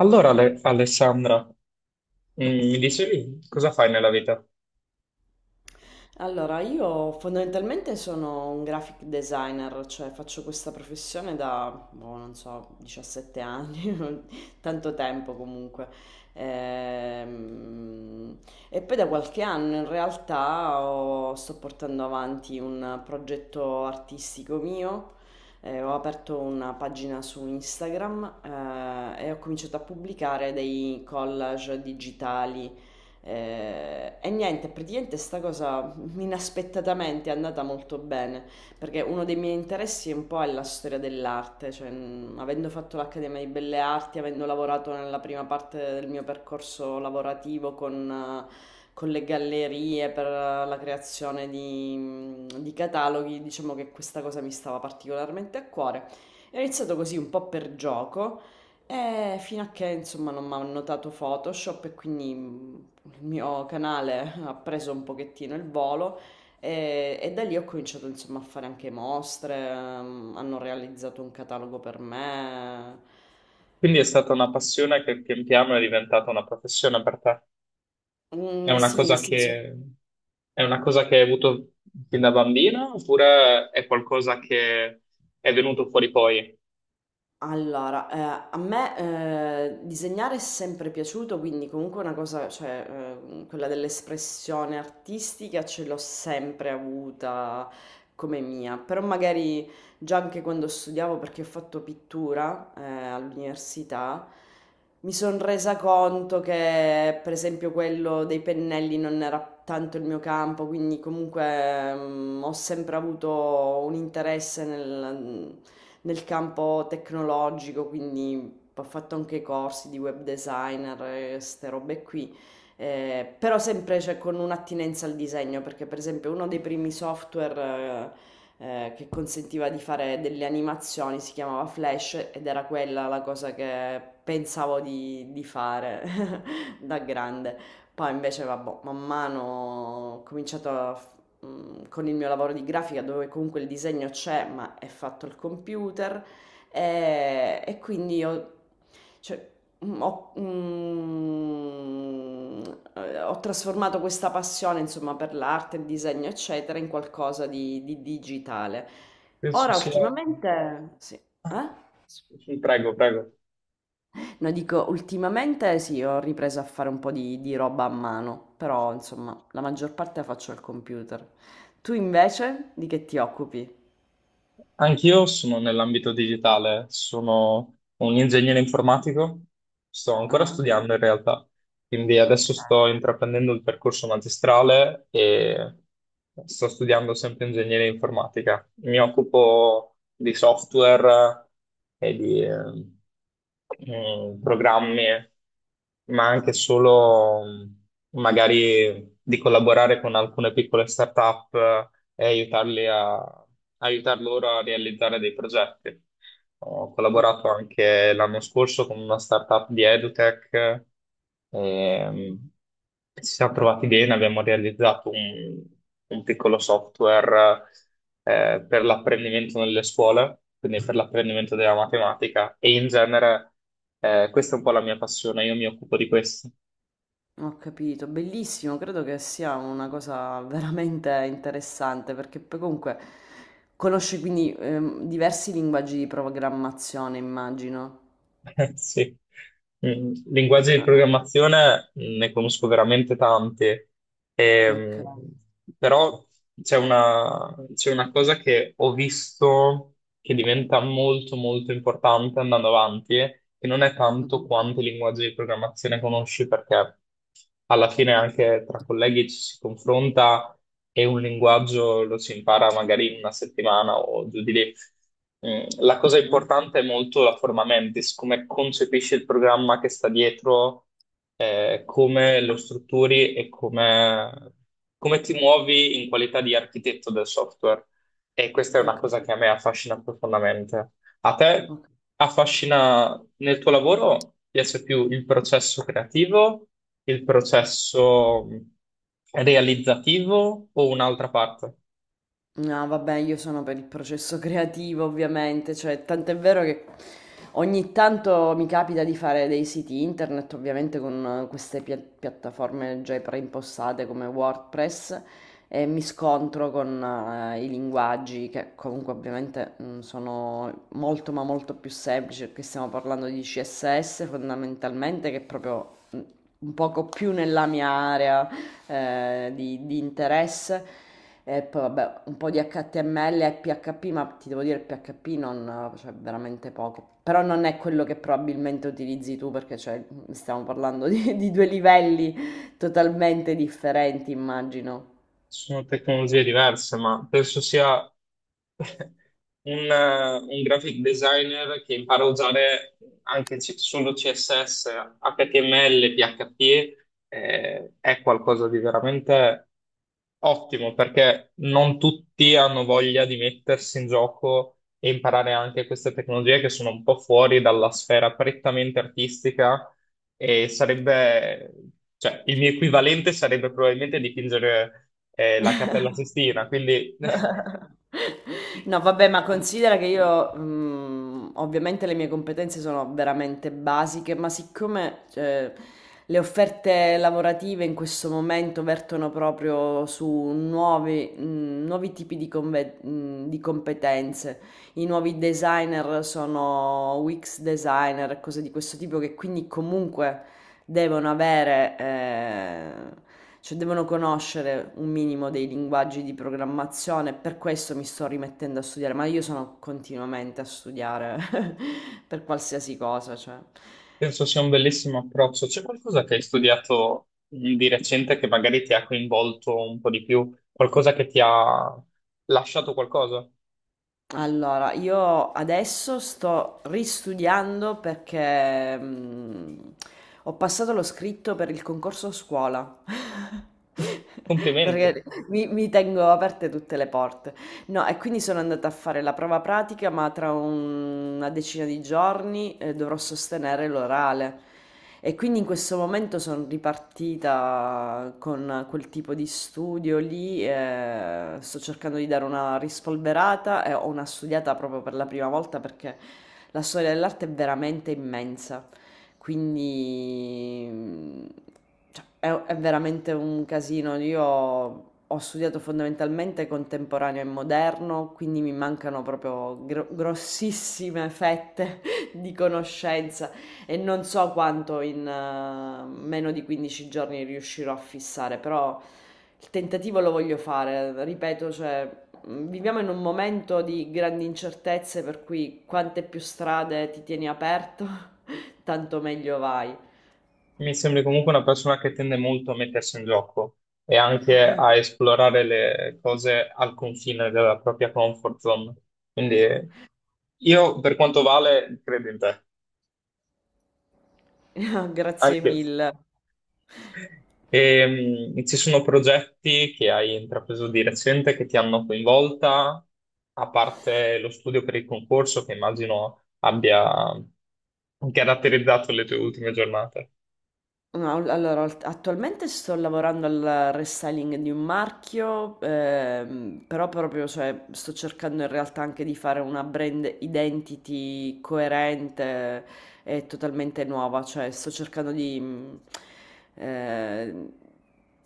Allora, Alessandra, mi dicevi cosa fai nella vita? Allora, io fondamentalmente sono un graphic designer, cioè faccio questa professione da, boh, non so, 17 anni, tanto tempo comunque. Ehm, E, poi da qualche anno in realtà sto portando avanti un progetto artistico mio. Ho aperto una pagina su Instagram, e ho cominciato a pubblicare dei collage digitali. E niente, praticamente sta cosa inaspettatamente è andata molto bene, perché uno dei miei interessi è un po' è la storia dell'arte, cioè avendo fatto l'Accademia di Belle Arti, avendo lavorato nella prima parte del mio percorso lavorativo con le gallerie per la creazione di cataloghi, diciamo che questa cosa mi stava particolarmente a cuore. E ho iniziato così un po' per gioco, e fino a che insomma non mi hanno notato Photoshop e quindi il mio canale ha preso un pochettino il volo e da lì ho cominciato insomma a fare anche mostre, hanno realizzato un catalogo per me. Quindi è stata una passione che pian piano è diventata una professione per te. È Mm, una sì, cosa nel senso. che, è una cosa che hai avuto fin da bambina oppure è qualcosa che è venuto fuori poi? Allora, a me disegnare è sempre piaciuto, quindi comunque una cosa, cioè quella dell'espressione artistica ce l'ho sempre avuta come mia, però magari già anche quando studiavo, perché ho fatto pittura all'università, mi sono resa conto che per esempio quello dei pennelli non era tanto il mio campo, quindi comunque ho sempre avuto un interesse nel campo tecnologico, quindi ho fatto anche corsi di web designer e ste robe qui. Però sempre cioè, con un'attinenza al disegno, perché per esempio uno dei primi software che consentiva di fare delle animazioni si chiamava Flash ed era quella la cosa che pensavo di fare da grande. Poi invece, vabbè, man mano ho cominciato con il mio lavoro di grafica dove comunque il disegno c'è, ma è fatto al computer, e quindi ho cioè, mhmm, ho trasformato questa passione, insomma, per l'arte, il disegno, eccetera, in qualcosa di digitale. Penso Ora sia... ultimamente sì. Ah, Eh? sì, prego, prego. No, dico, ultimamente sì, ho ripreso a fare un po' di roba a mano, però insomma, la maggior parte la faccio al computer. Tu invece di che ti occupi? Anch'io sono nell'ambito digitale, sono un ingegnere informatico, sto ancora Ah. studiando in realtà, quindi adesso Ok. sto intraprendendo il percorso magistrale e sto studiando sempre ingegneria informatica. Mi occupo di software e di programmi, ma anche solo magari di collaborare con alcune piccole start-up e aiutar loro a realizzare dei progetti. Ho Mm, collaborato anche l'anno scorso con una startup di EduTech, ehm, ci siamo trovati bene, abbiamo realizzato un piccolo software per l'apprendimento nelle scuole, quindi per l'apprendimento della matematica e in genere questa è un po' la mia passione, io mi occupo di questo. ho capito, bellissimo, credo che sia una cosa veramente interessante perché poi comunque conosci quindi diversi linguaggi di programmazione, immagino. Sì. Mm, linguaggi di Ah, ah. programmazione ne conosco veramente tanti. Ok. Ehm, Però c'è una cosa che ho visto che diventa molto molto importante andando avanti, che non è tanto Mhm, quanti linguaggi di programmazione conosci, perché alla fine anche tra colleghi ci si confronta e un linguaggio lo si impara magari in una settimana o giù di lì. Mm, la cosa mhm. importante è molto la forma mentis, come concepisci il programma che sta dietro, come lo strutturi e come ti muovi in qualità di architetto del software. E questa è Ho una cosa capito. che a me affascina profondamente. A te affascina nel tuo lavoro, piace più il processo creativo, il processo realizzativo o un'altra parte? No, vabbè, io sono per il processo creativo, ovviamente, cioè, tant'è vero che ogni tanto mi capita di fare dei siti internet, ovviamente con queste piattaforme già preimpostate come WordPress, e mi scontro con i linguaggi che comunque ovviamente sono molto ma molto più semplici, perché stiamo parlando di CSS fondamentalmente, che è proprio un poco più nella mia area di interesse. E poi vabbè, un po' di HTML e PHP, ma ti devo dire il PHP non, cioè, veramente poco. Però non è quello che probabilmente utilizzi tu, perché cioè, stiamo parlando di due livelli totalmente differenti, immagino. Sono tecnologie diverse, ma penso sia un graphic designer che impara a usare anche solo CSS, HTML, PHP, è qualcosa di veramente ottimo, perché non tutti hanno voglia di mettersi in gioco e imparare anche queste tecnologie che sono un po' fuori dalla sfera prettamente artistica e sarebbe, cioè, il mio equivalente sarebbe probabilmente dipingere la Cappella Sistina, quindi No, vabbè, ma considera che io, ovviamente le mie competenze sono veramente basiche, ma siccome, cioè, le offerte lavorative in questo momento vertono proprio su nuovi tipi di, di competenze, i nuovi designer sono UX designer, cose di questo tipo che quindi comunque devono avere, cioè devono conoscere un minimo dei linguaggi di programmazione, per questo mi sto rimettendo a studiare, ma io sono continuamente a studiare per qualsiasi cosa, cioè. penso sia un bellissimo approccio. C'è qualcosa che hai studiato di recente che magari ti ha coinvolto un po' di più, qualcosa che ti ha lasciato qualcosa? Allora, io adesso sto ristudiando perché ho passato lo scritto per il concorso scuola. Complimenti. Perché mi tengo aperte tutte le porte. No, e quindi sono andata a fare la prova pratica, ma tra una decina di giorni dovrò sostenere l'orale. E quindi in questo momento sono ripartita con quel tipo di studio lì, sto cercando di dare una rispolverata e ho una studiata proprio per la prima volta perché la storia dell'arte è veramente immensa. Quindi cioè, è veramente un casino. Io ho studiato fondamentalmente contemporaneo e moderno, quindi mi mancano proprio grossissime fette di conoscenza. E non so quanto in meno di 15 giorni riuscirò a fissare, però il tentativo lo voglio fare. Ripeto, cioè, viviamo in un momento di grandi incertezze, per cui quante più strade ti tieni aperto, tanto meglio vai. Mi sembri comunque una persona che tende molto a mettersi in gioco e anche a esplorare le cose al confine della propria comfort zone. Quindi io, per quanto vale, credo in te. Grazie Anche io. mille. Ci sono progetti che hai intrapreso di recente che ti hanno coinvolta, a parte lo studio per il concorso che immagino abbia caratterizzato le tue ultime giornate. No, all allora alt attualmente sto lavorando al restyling di un marchio, però proprio, cioè, sto cercando in realtà anche di fare una brand identity coerente e totalmente nuova, cioè sto cercando eh,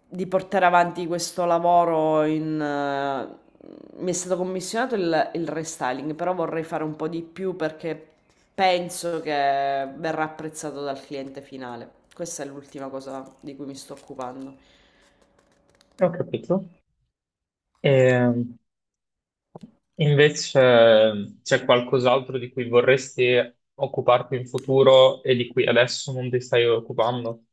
di portare avanti questo lavoro mi è stato commissionato il restyling, però vorrei fare un po' di più perché penso che verrà apprezzato dal cliente finale. Questa è l'ultima cosa di cui mi sto occupando. Ho capito. Ehm, Invece c'è qualcos'altro di cui vorresti occuparti in futuro e di cui adesso non ti stai occupando?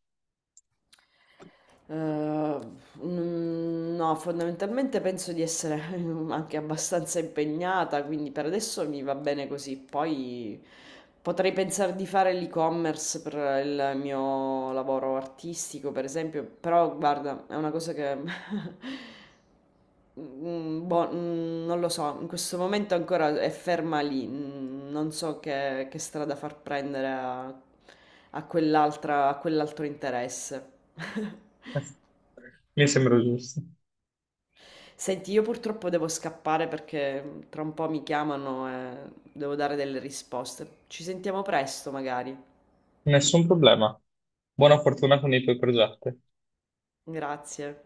Eh, no, fondamentalmente penso di essere anche abbastanza impegnata, quindi per adesso mi va bene così. Poi potrei pensare di fare l'e-commerce per il mio lavoro artistico, per esempio, però guarda, è una cosa che Mm, boh, non lo so, in questo momento ancora è ferma lì, non so che strada far prendere a quell'altra, a quell'altro interesse. Mi sembra giusto. Senti, io purtroppo devo scappare perché tra un po' mi chiamano e devo dare delle risposte. Ci sentiamo presto, magari. Nessun problema. Buona fortuna con i tuoi progetti. Grazie.